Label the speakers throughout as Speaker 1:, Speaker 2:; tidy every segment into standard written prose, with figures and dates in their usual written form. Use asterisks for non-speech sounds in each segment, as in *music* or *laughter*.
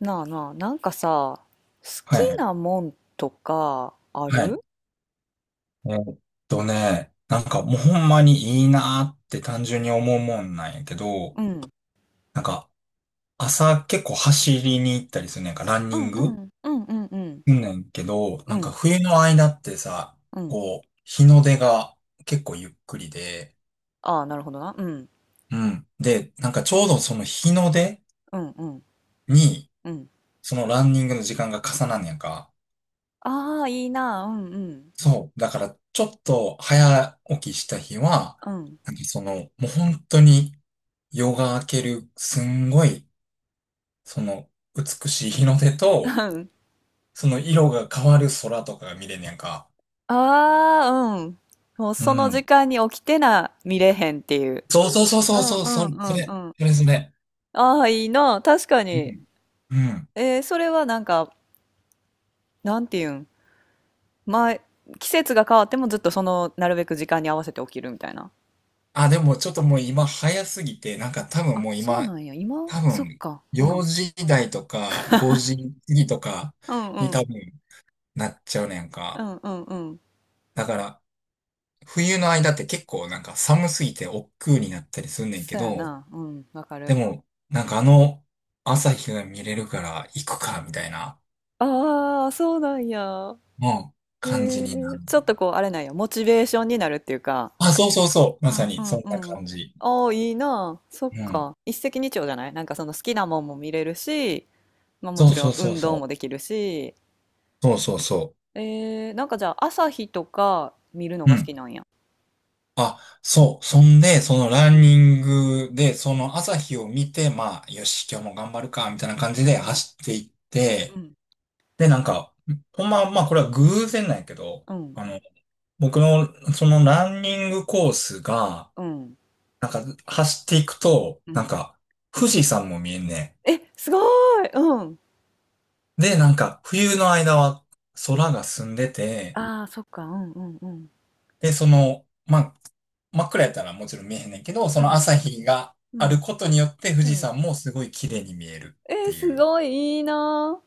Speaker 1: なあなあ、なんかさ、好き
Speaker 2: はい。
Speaker 1: なもんとかあ
Speaker 2: はい。
Speaker 1: る？
Speaker 2: えーっね、なんかもうほんまにいいなーって単純に思うもんなんやけど、
Speaker 1: うん。
Speaker 2: なんか朝結構走りに行ったりするねんか、ラン
Speaker 1: う
Speaker 2: ニン
Speaker 1: んう
Speaker 2: グ
Speaker 1: んうんうんうん
Speaker 2: うんねんけど、
Speaker 1: う
Speaker 2: なんか
Speaker 1: ん。
Speaker 2: 冬の間ってさ、
Speaker 1: うん。
Speaker 2: こう、日の出が結構ゆっくりで、
Speaker 1: ああー、なるほどな。うん。
Speaker 2: うん。で、なんかちょうどその日の出
Speaker 1: うんうん
Speaker 2: に、
Speaker 1: うん。
Speaker 2: そのランニングの時間が重なんねんか。
Speaker 1: ああー、いいな。うんうん
Speaker 2: そう。だから、ちょっと早起きした日は、
Speaker 1: うん。
Speaker 2: なんかその、もう本当に夜が明ける、すんごい、その、美しい日の出と、
Speaker 1: うん *laughs*
Speaker 2: その色が変わる空とかが見れんねやんか。
Speaker 1: ああー、うん。もう
Speaker 2: う
Speaker 1: その時
Speaker 2: ん。
Speaker 1: 間に起きてな、見れへんっていう。
Speaker 2: そうそうそう
Speaker 1: う
Speaker 2: そう
Speaker 1: ん
Speaker 2: そう、
Speaker 1: う
Speaker 2: そ
Speaker 1: ん
Speaker 2: れ、
Speaker 1: う
Speaker 2: そ
Speaker 1: んう
Speaker 2: れ、
Speaker 1: ん。
Speaker 2: それ、それ。
Speaker 1: ああー、いいな。確か
Speaker 2: う
Speaker 1: に。
Speaker 2: ん。うん。
Speaker 1: えーそれはなんか、なんていうん。前、季節が変わってもずっとその、なるべく時間に合わせて起きるみたいな。
Speaker 2: あ、でもちょっともう今早すぎて、なんか多分
Speaker 1: あ、
Speaker 2: もう
Speaker 1: そう
Speaker 2: 今、
Speaker 1: なんや、今
Speaker 2: 多
Speaker 1: そっ
Speaker 2: 分
Speaker 1: か、う
Speaker 2: 4
Speaker 1: ん。
Speaker 2: 時台とか5時過ぎとか
Speaker 1: うんう
Speaker 2: に
Speaker 1: ん。
Speaker 2: 多分なっちゃうねん
Speaker 1: う
Speaker 2: か。
Speaker 1: んうんうん。
Speaker 2: だから、冬の間って結構なんか寒すぎて億劫になったりすんねん
Speaker 1: そ
Speaker 2: け
Speaker 1: うや
Speaker 2: ど、
Speaker 1: な。うん、わか
Speaker 2: で
Speaker 1: る。
Speaker 2: も、なんかあの朝日が見れるから行くか、みたいな、
Speaker 1: ああ、そうなんや。
Speaker 2: うん、感じになる。
Speaker 1: ちょっとこう、あれなんや、モチベーションになるっていうか、
Speaker 2: あ、そうそうそう。
Speaker 1: う
Speaker 2: ま
Speaker 1: ん
Speaker 2: さ
Speaker 1: う
Speaker 2: にそんな
Speaker 1: んうん。
Speaker 2: 感じ。
Speaker 1: ああ、いいなそっ
Speaker 2: うん。
Speaker 1: か。一石二鳥じゃない？なんかその好きなもんも見れるし、まあも
Speaker 2: そう
Speaker 1: ちろん
Speaker 2: そうそう
Speaker 1: 運動
Speaker 2: そう。
Speaker 1: もできるし、
Speaker 2: そうそうそ
Speaker 1: なんかじゃあ朝日とか見るの
Speaker 2: う。う
Speaker 1: が好き
Speaker 2: ん。
Speaker 1: なんや。
Speaker 2: あ、そう。そんで、そのラ
Speaker 1: う
Speaker 2: ン
Speaker 1: ん
Speaker 2: ニングで、その朝日を見て、まあ、よし、今日も頑張るか、みたいな感じで
Speaker 1: うん
Speaker 2: 走っていっ
Speaker 1: う
Speaker 2: て、
Speaker 1: ん
Speaker 2: で、なんか、ほんま、まあ、これは偶然なんやけど、
Speaker 1: うん
Speaker 2: あの僕の、そのランニングコースが、
Speaker 1: うん
Speaker 2: なんか走っていくと、
Speaker 1: う
Speaker 2: なん
Speaker 1: ん。
Speaker 2: か富士山も見えんね
Speaker 1: え、すごい。うん。
Speaker 2: ん。で、なんか冬の間は空が澄んでて、
Speaker 1: ああ、そっか、うんうんうん。
Speaker 2: で、その、まあ、真っ暗やったらもちろん見えへんねんけど、そ
Speaker 1: う
Speaker 2: の
Speaker 1: ん、
Speaker 2: 朝日が
Speaker 1: う
Speaker 2: ある
Speaker 1: ん、
Speaker 2: ことによって富
Speaker 1: う
Speaker 2: 士
Speaker 1: ん。
Speaker 2: 山もすごい綺麗に見えるってい
Speaker 1: す
Speaker 2: う。
Speaker 1: ごいいいな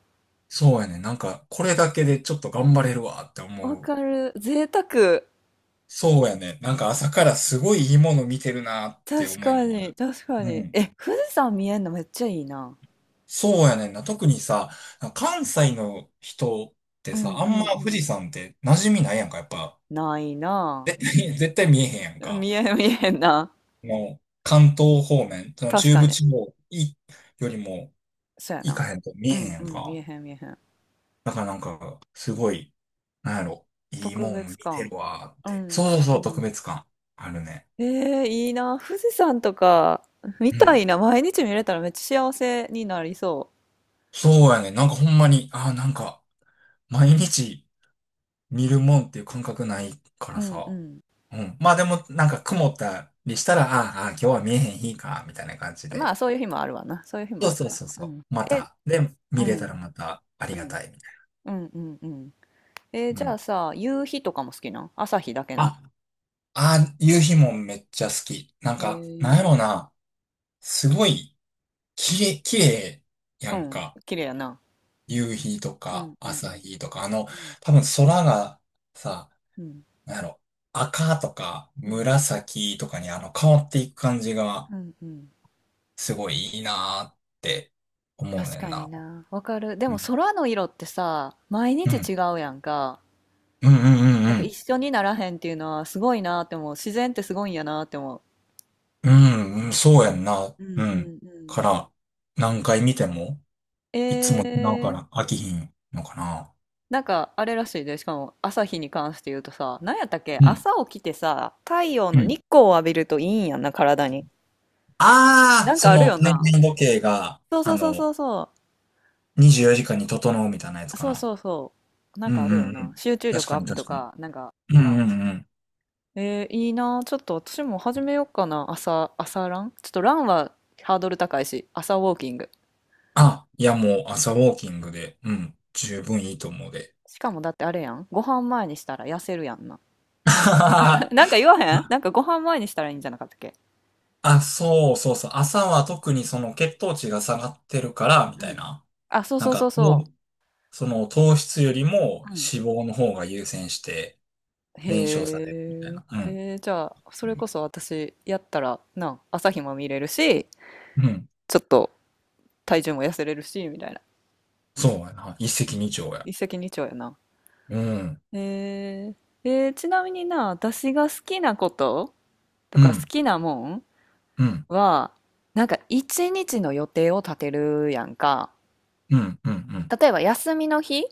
Speaker 2: そうやね。なんかこれだけでちょっと頑張れるわって
Speaker 1: ー。わ
Speaker 2: 思う。
Speaker 1: かる。贅沢。
Speaker 2: そうやね。なんか朝からすごいいいもの見てるなって思
Speaker 1: 確
Speaker 2: い
Speaker 1: か
Speaker 2: なが
Speaker 1: に、確か
Speaker 2: ら。う
Speaker 1: に。
Speaker 2: ん。
Speaker 1: え、富士山見えんのめっちゃいいな。
Speaker 2: そうやねんな。特にさ、関西の人って
Speaker 1: う
Speaker 2: さ、
Speaker 1: ん
Speaker 2: あ
Speaker 1: う
Speaker 2: ん
Speaker 1: ん
Speaker 2: ま
Speaker 1: う
Speaker 2: 富士
Speaker 1: ん。
Speaker 2: 山って馴染みないやんか、やっぱ。
Speaker 1: ないな
Speaker 2: *laughs* 絶対見えへんやん
Speaker 1: あ。
Speaker 2: か。
Speaker 1: 見えん、見えへんな。
Speaker 2: もう、関東方面、その
Speaker 1: 確
Speaker 2: 中
Speaker 1: か
Speaker 2: 部
Speaker 1: に。
Speaker 2: 地方いよりも
Speaker 1: そうや
Speaker 2: 行
Speaker 1: な。
Speaker 2: かへんと見
Speaker 1: う
Speaker 2: えへん
Speaker 1: ん
Speaker 2: や
Speaker 1: う
Speaker 2: ん
Speaker 1: ん、見
Speaker 2: か。
Speaker 1: えへん、見えへん。
Speaker 2: だからなんか、すごい、なんやろ、いい
Speaker 1: 特
Speaker 2: もん
Speaker 1: 別
Speaker 2: 見て
Speaker 1: 感。
Speaker 2: るわーっ
Speaker 1: う
Speaker 2: て。
Speaker 1: ん
Speaker 2: そ
Speaker 1: うん
Speaker 2: うそう
Speaker 1: う
Speaker 2: そう、特
Speaker 1: ん。
Speaker 2: 別感あるね。
Speaker 1: いいな。富士山とか、見
Speaker 2: う
Speaker 1: た
Speaker 2: ん。
Speaker 1: いな。毎日見れたらめっちゃ幸せになりそ
Speaker 2: そうやねん。なんかほんまに、ああ、なんか、毎日、見るもんっていう感覚ないから
Speaker 1: う。うんう
Speaker 2: さ。
Speaker 1: ん。
Speaker 2: うん。まあでも、なんか曇ったりしたら、ああ、ああ今日は見えへん日か、みたいな感じ
Speaker 1: まあ、
Speaker 2: で。
Speaker 1: そういう日もあるわな。そういう日
Speaker 2: そ
Speaker 1: も
Speaker 2: う
Speaker 1: ある
Speaker 2: そう
Speaker 1: な。
Speaker 2: そう
Speaker 1: う
Speaker 2: そ
Speaker 1: ん。
Speaker 2: う。ま
Speaker 1: え、
Speaker 2: た。で、
Speaker 1: う
Speaker 2: 見れた
Speaker 1: ん、
Speaker 2: らまたあ
Speaker 1: う
Speaker 2: りが
Speaker 1: ん、
Speaker 2: たい、みたい
Speaker 1: うん、うん、うん。えー
Speaker 2: な。
Speaker 1: じ
Speaker 2: う
Speaker 1: ゃあ
Speaker 2: ん。
Speaker 1: さ、夕日とかも好きなん？朝日だけなん？
Speaker 2: あ、ああ、夕日もめっちゃ好き。なん
Speaker 1: へ
Speaker 2: か、なんや
Speaker 1: え。
Speaker 2: ろな。すごい、きれい
Speaker 1: う
Speaker 2: やん
Speaker 1: ん、
Speaker 2: か。
Speaker 1: 綺麗やな。
Speaker 2: 夕日と
Speaker 1: うん、
Speaker 2: か、
Speaker 1: うん、う
Speaker 2: 朝
Speaker 1: ん、
Speaker 2: 日とか、あの、
Speaker 1: うん、
Speaker 2: 多分空がさ、
Speaker 1: うん、
Speaker 2: なんやろ、赤とか紫とかにあの変わっていく感じが、
Speaker 1: うん、うん。
Speaker 2: すごいいいなーって思う
Speaker 1: 確
Speaker 2: ねん
Speaker 1: かに
Speaker 2: な。
Speaker 1: な。わかる。で
Speaker 2: う
Speaker 1: も
Speaker 2: ん。
Speaker 1: 空の色ってさ、毎
Speaker 2: う
Speaker 1: 日
Speaker 2: ん。
Speaker 1: 違うやんか。
Speaker 2: うんうんうん
Speaker 1: なん
Speaker 2: う
Speaker 1: か
Speaker 2: ん。
Speaker 1: 一緒にならへんっていうのはすごいなって思う。自然ってすごいんやなって思
Speaker 2: うん、うんそうやんな。
Speaker 1: う。う
Speaker 2: う
Speaker 1: ん、う
Speaker 2: ん。
Speaker 1: ん、うん。
Speaker 2: から、何回見ても、いつも違うから
Speaker 1: え、
Speaker 2: 飽きひんのかな。
Speaker 1: なんかあれらしいで、しかも朝日に関して言うとさ、なんやったっけ、
Speaker 2: うん。
Speaker 1: 朝起きてさ、太陽
Speaker 2: う
Speaker 1: の
Speaker 2: ん。
Speaker 1: 日光を浴びるといいんやんな、体に。
Speaker 2: あ
Speaker 1: な
Speaker 2: あ、
Speaker 1: ん
Speaker 2: そ
Speaker 1: かある
Speaker 2: の、
Speaker 1: よ
Speaker 2: 年
Speaker 1: な。
Speaker 2: 々時計が、
Speaker 1: そう
Speaker 2: あ
Speaker 1: そうそう
Speaker 2: の、
Speaker 1: そうそ
Speaker 2: 24時間に整うみたいなやつ
Speaker 1: う。
Speaker 2: か
Speaker 1: そう
Speaker 2: な。
Speaker 1: そうそう。なん
Speaker 2: うん
Speaker 1: かあ
Speaker 2: う
Speaker 1: るよ
Speaker 2: んう
Speaker 1: な。
Speaker 2: ん。
Speaker 1: 集中
Speaker 2: 確
Speaker 1: 力
Speaker 2: か
Speaker 1: アッ
Speaker 2: に
Speaker 1: プと
Speaker 2: 確かに。
Speaker 1: か、なんか、
Speaker 2: うんうんうん。
Speaker 1: いいな。ちょっと私も始めようかな。朝、朝ランちょっとランはハードル高いし、朝ウォーキング。
Speaker 2: あ、いやもう朝ウォーキングで、うん、十分いいと思うで。
Speaker 1: しかもだってあれやん。ご飯前にしたら痩せるやんな。*laughs* なんか
Speaker 2: *laughs*
Speaker 1: 言わへん？なんかご飯前にしたらいいんじゃなかったっけ？
Speaker 2: あ、そうそうそう。朝は特にその血糖値が下がってるから、み
Speaker 1: う
Speaker 2: たい
Speaker 1: ん。
Speaker 2: な。
Speaker 1: あ、そう
Speaker 2: なん
Speaker 1: そう
Speaker 2: か、
Speaker 1: そうそ
Speaker 2: その糖質よりも
Speaker 1: う。うん。
Speaker 2: 脂肪の方が優先して燃焼さ
Speaker 1: へ
Speaker 2: れるみたい
Speaker 1: え、
Speaker 2: な。うん。
Speaker 1: じゃあそれこそ私やったらな、朝日も見れるし
Speaker 2: うん。
Speaker 1: ちょっと体重も痩せれるしみたいな。
Speaker 2: そうやな。一石二鳥や。
Speaker 1: 一石二鳥やな。
Speaker 2: うん。
Speaker 1: えちなみにな、私が好きなことと
Speaker 2: う
Speaker 1: か好
Speaker 2: ん。
Speaker 1: きなもん
Speaker 2: うん。
Speaker 1: は、なんか一日の予定を立てるやんか。
Speaker 2: うん。うん。うん。
Speaker 1: 例えば休みの日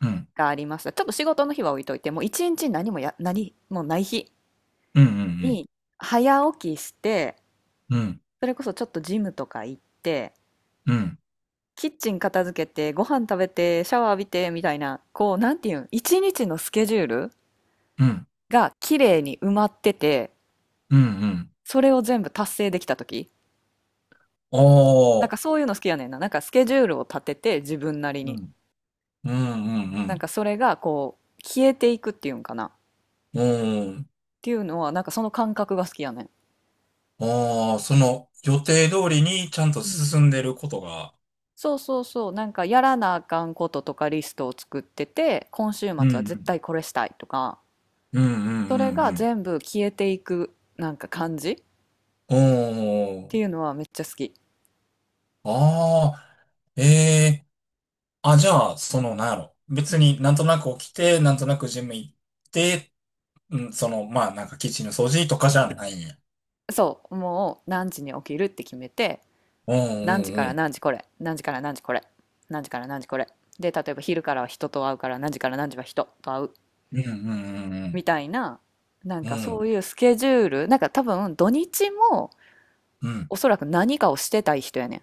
Speaker 2: うん。
Speaker 1: がありました、ちょっと仕事の日は置いといて、もう一日何もない日
Speaker 2: うん。
Speaker 1: に早起きして、
Speaker 2: うん。うん。
Speaker 1: それこそちょっとジムとか行って、
Speaker 2: うん。
Speaker 1: キッチン片付けて、ご飯食べて、シャワー浴びて、みたいな、こう、なんていうん、一日のスケジュールが綺麗に埋まってて、
Speaker 2: うん。うん
Speaker 1: それを全部達成できた時、
Speaker 2: あ
Speaker 1: なんか
Speaker 2: あ。
Speaker 1: そういうの好きやねんな。なんかスケジュールを立てて、自分なり
Speaker 2: う
Speaker 1: に。
Speaker 2: ん。うん。う
Speaker 1: なんか
Speaker 2: ん。
Speaker 1: それが、こう、消えていくっていうんかな。っ
Speaker 2: うん。
Speaker 1: ていうのは、なんかその感覚が好きやねん。
Speaker 2: ああ、その予定通りにちゃんと
Speaker 1: うん。
Speaker 2: 進んでることが、
Speaker 1: そうそうそう、なんかやらなあかんこととかリストを作ってて、今週末は
Speaker 2: う
Speaker 1: 絶
Speaker 2: ん
Speaker 1: 対これしたいとか、
Speaker 2: うんうんう
Speaker 1: それ
Speaker 2: ん
Speaker 1: が
Speaker 2: うん。
Speaker 1: 全部消えていくなんか感じっ
Speaker 2: お
Speaker 1: ていう
Speaker 2: ー。
Speaker 1: のはめっちゃ好き。
Speaker 2: ああ。えーあ、じゃあ、その、なんやろ。
Speaker 1: う
Speaker 2: 別
Speaker 1: ん、
Speaker 2: になんとなく起きて、なんとなくジム行って、うん、その、まあ、なんかキッチンの掃除とかじゃないんや。
Speaker 1: そう、もう何時に起きるって決めて、
Speaker 2: うんう
Speaker 1: 何時か
Speaker 2: んう
Speaker 1: ら
Speaker 2: ん。
Speaker 1: 何時これ、何時から何時これ、何時から何時これ。で、例えば昼からは人と会うから、何時から何時は人と会う
Speaker 2: うんうんう
Speaker 1: みたいな、なん
Speaker 2: んうん。
Speaker 1: か
Speaker 2: う
Speaker 1: そ
Speaker 2: ん。
Speaker 1: ういうスケジュール、なんか多分土日も
Speaker 2: うん
Speaker 1: おそらく何かをしてたい人やねん。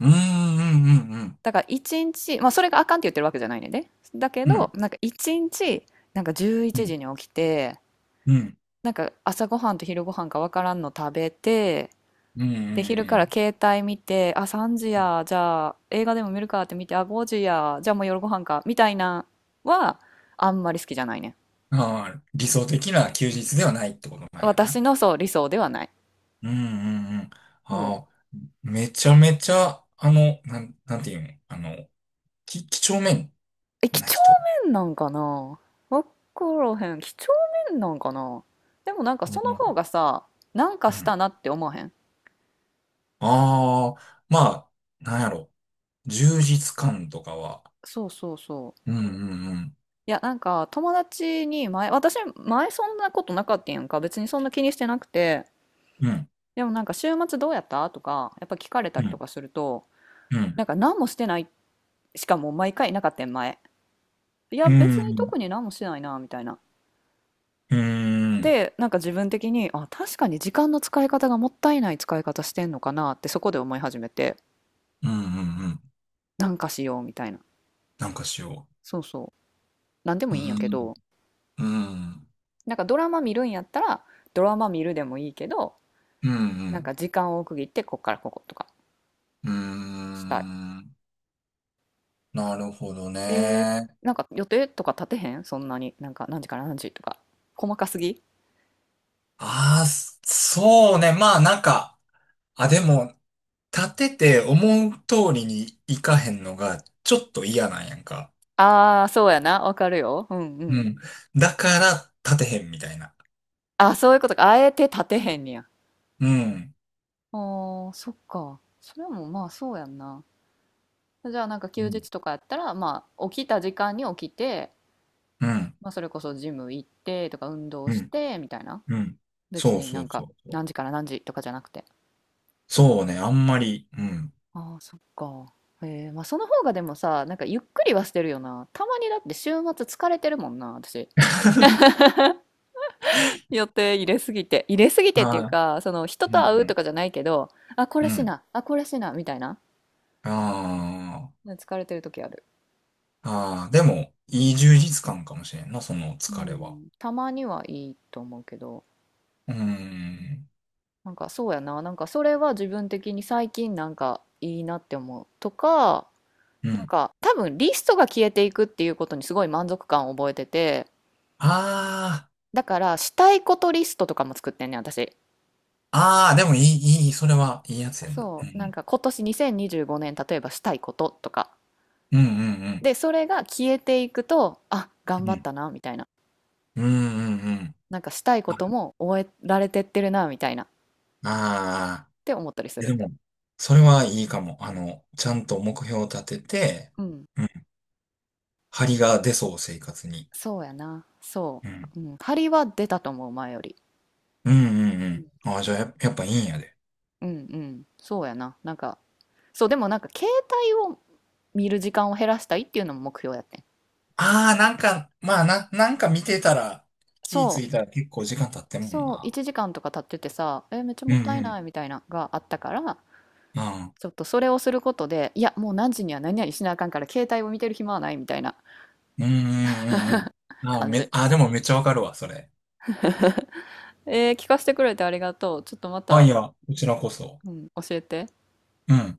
Speaker 2: うんうんうん。
Speaker 1: だから一日、まあそれがあかんって言ってるわけじゃないねんで。だけ
Speaker 2: う
Speaker 1: ど、
Speaker 2: ん。
Speaker 1: なんか一日、なんか11
Speaker 2: うん。
Speaker 1: 時に起きて、
Speaker 2: うん
Speaker 1: なんか朝ごはんと昼ごはんかわからんの食べて、
Speaker 2: うんう
Speaker 1: で、昼から
Speaker 2: ん
Speaker 1: 携帯見て、あ、3時
Speaker 2: うん。
Speaker 1: や、じゃあ映画でも見るかって見て、あ、5時や、じゃあもう夜ご飯か、みたいなは、あんまり好きじゃないね。
Speaker 2: ああ、理想的な休日ではないってことなんやな。
Speaker 1: 私のそう、理想ではない。
Speaker 2: うんうんうん。
Speaker 1: そ
Speaker 2: あ
Speaker 1: う。
Speaker 2: あ、めちゃめちゃ、あの、なんていうの、あの、き、几帳面
Speaker 1: え、几
Speaker 2: な
Speaker 1: 帳
Speaker 2: 人。
Speaker 1: 面なんかな？わからへん。几帳面なんかな？でもなんか
Speaker 2: う
Speaker 1: その方
Speaker 2: ん。
Speaker 1: がさ、なんか
Speaker 2: う
Speaker 1: し
Speaker 2: ん
Speaker 1: たなって思わへん？
Speaker 2: ああ、まあ、なんやろ。充実感とかは。
Speaker 1: そうそうそう。
Speaker 2: うんうん
Speaker 1: いや、なんか友達に前、私前そんなことなかったんやんか。別にそんな気にしてなくて。
Speaker 2: うん。うん。
Speaker 1: でもなんか週末どうやったとか、やっぱ聞かれた
Speaker 2: う
Speaker 1: りと
Speaker 2: ん。
Speaker 1: かすると、
Speaker 2: うん。
Speaker 1: なんか何もしてない、しかも毎回なかったん、前。いや、
Speaker 2: う
Speaker 1: 別に
Speaker 2: ん。
Speaker 1: 特に何もしてないな、みたいな。
Speaker 2: うん。うん。
Speaker 1: で、なんか自分的に、あ、確かに時間の使い方がもったいない使い方してんのかなってそこで思い始めて、
Speaker 2: うん。うん
Speaker 1: なんかしようみたいな。
Speaker 2: なんかしよ
Speaker 1: そうそう。なんで
Speaker 2: う。
Speaker 1: も
Speaker 2: う
Speaker 1: いいんやけ
Speaker 2: ん。
Speaker 1: ど、
Speaker 2: うん。
Speaker 1: なんかドラマ見るんやったら、ドラマ見るでもいいけど、
Speaker 2: う
Speaker 1: なん
Speaker 2: ん。
Speaker 1: か時間を区切って、こっからこことか
Speaker 2: う
Speaker 1: したい。
Speaker 2: ん。なるほど
Speaker 1: えー、
Speaker 2: ね。
Speaker 1: なんか予定とか立てへん、そんなに？なんか何時から何時とか。細かすぎ。
Speaker 2: ああ、そうね。まあ、なんか、あ、でも、立てて思う通りにいかへんのが、ちょっと嫌なんやんか。
Speaker 1: ああー、そうやな。わかるよ。うんう
Speaker 2: う
Speaker 1: ん。
Speaker 2: ん。だから立てへんみたいな。
Speaker 1: あ、そういうことか。あえて立てへんねや。
Speaker 2: うん。
Speaker 1: あー、そっか。それもまあそうやんな。じゃあなんか
Speaker 2: う
Speaker 1: 休
Speaker 2: ん。
Speaker 1: 日とかやったら、まあ起きた時間に起きて、
Speaker 2: うん。
Speaker 1: まあそれこそジム行ってとか運動
Speaker 2: う
Speaker 1: し
Speaker 2: ん。
Speaker 1: てみたいな。
Speaker 2: うん。
Speaker 1: 別
Speaker 2: そう
Speaker 1: にな
Speaker 2: そ
Speaker 1: ん
Speaker 2: う
Speaker 1: か
Speaker 2: そうそう。
Speaker 1: 何時から何時とかじゃなくて。
Speaker 2: そうね、あんまり。うん。
Speaker 1: ああ、そっか。へえ、まあその方がでもさ、なんかゆっくりはしてるよな。たまにだって週末疲れてるもんな、私。予定入れすぎて。入れすぎてっていう
Speaker 2: あ
Speaker 1: か、その人
Speaker 2: ーう
Speaker 1: と会うと
Speaker 2: ん
Speaker 1: かじゃないけど、あ、これ
Speaker 2: うん。う
Speaker 1: し
Speaker 2: ん。
Speaker 1: な、あ、これしな、みたいな。
Speaker 2: あ
Speaker 1: 疲れてる時ある。
Speaker 2: あ。ああ。でも、いい充実感かもしれんな、その
Speaker 1: う
Speaker 2: 疲れは。
Speaker 1: ん、たまにはいいと思うけど、
Speaker 2: うん。
Speaker 1: なんかそうやな、なんかそれは自分的に最近なんかいいなって思うとか、
Speaker 2: う
Speaker 1: なん
Speaker 2: ん。
Speaker 1: か多分リストが消えていくっていうことにすごい満足感を覚えてて、
Speaker 2: あ
Speaker 1: だからしたいことリストとかも作ってんねん、私。
Speaker 2: あ。ああ、でもいい、いい、それはいいやつやんな。う
Speaker 1: そう、なん
Speaker 2: ん。
Speaker 1: か今年2025年例えばしたいこととか。
Speaker 2: うんうん
Speaker 1: で、それが消えていくと、あ、
Speaker 2: う
Speaker 1: 頑
Speaker 2: ん。う
Speaker 1: 張っ
Speaker 2: ん。
Speaker 1: たな、みたいな。
Speaker 2: うんうんうん。
Speaker 1: なんかしたいことも終えられてってるな、みたいなっ
Speaker 2: ああ
Speaker 1: て思ったりす
Speaker 2: え
Speaker 1: る。
Speaker 2: でも、それはいいかも。あの、ちゃんと目標を立てて、
Speaker 1: うん。
Speaker 2: うん。張りが出そう、生活に。
Speaker 1: そうやな。そ
Speaker 2: うん。
Speaker 1: う。うん。張りは出たと思う、前より。
Speaker 2: うんうんう
Speaker 1: うん、
Speaker 2: ん。ああ、じゃあや、やっぱいいんやで。
Speaker 1: うんうんそうやな。なんか、そう、でもなんか、携帯を見る時間を減らしたいっていうのも目標やってん。
Speaker 2: ああ、なんか、まあな、なんか見てたら、気ぃつ
Speaker 1: そ
Speaker 2: い
Speaker 1: う。
Speaker 2: たら結構時間経ってんもん
Speaker 1: そう、
Speaker 2: な。
Speaker 1: 1時間とか経っててさ、え、めっちゃ
Speaker 2: う
Speaker 1: も
Speaker 2: ん
Speaker 1: っ
Speaker 2: う
Speaker 1: たいな
Speaker 2: ん。
Speaker 1: いみたいなのがあったから、
Speaker 2: ああ、
Speaker 1: ちょっとそれをすることで、いや、もう何時には何々しなあかんから、携帯を見てる暇はないみたいな
Speaker 2: うんうんうんうん。ああ、
Speaker 1: 感
Speaker 2: め、
Speaker 1: じ。
Speaker 2: ああ、でもめっちゃわかるわ、それ。
Speaker 1: 聞かせてくれてありがとう。ちょっとま
Speaker 2: あ、い
Speaker 1: た、
Speaker 2: や、こちらこそ。
Speaker 1: うん、教えて。
Speaker 2: うん。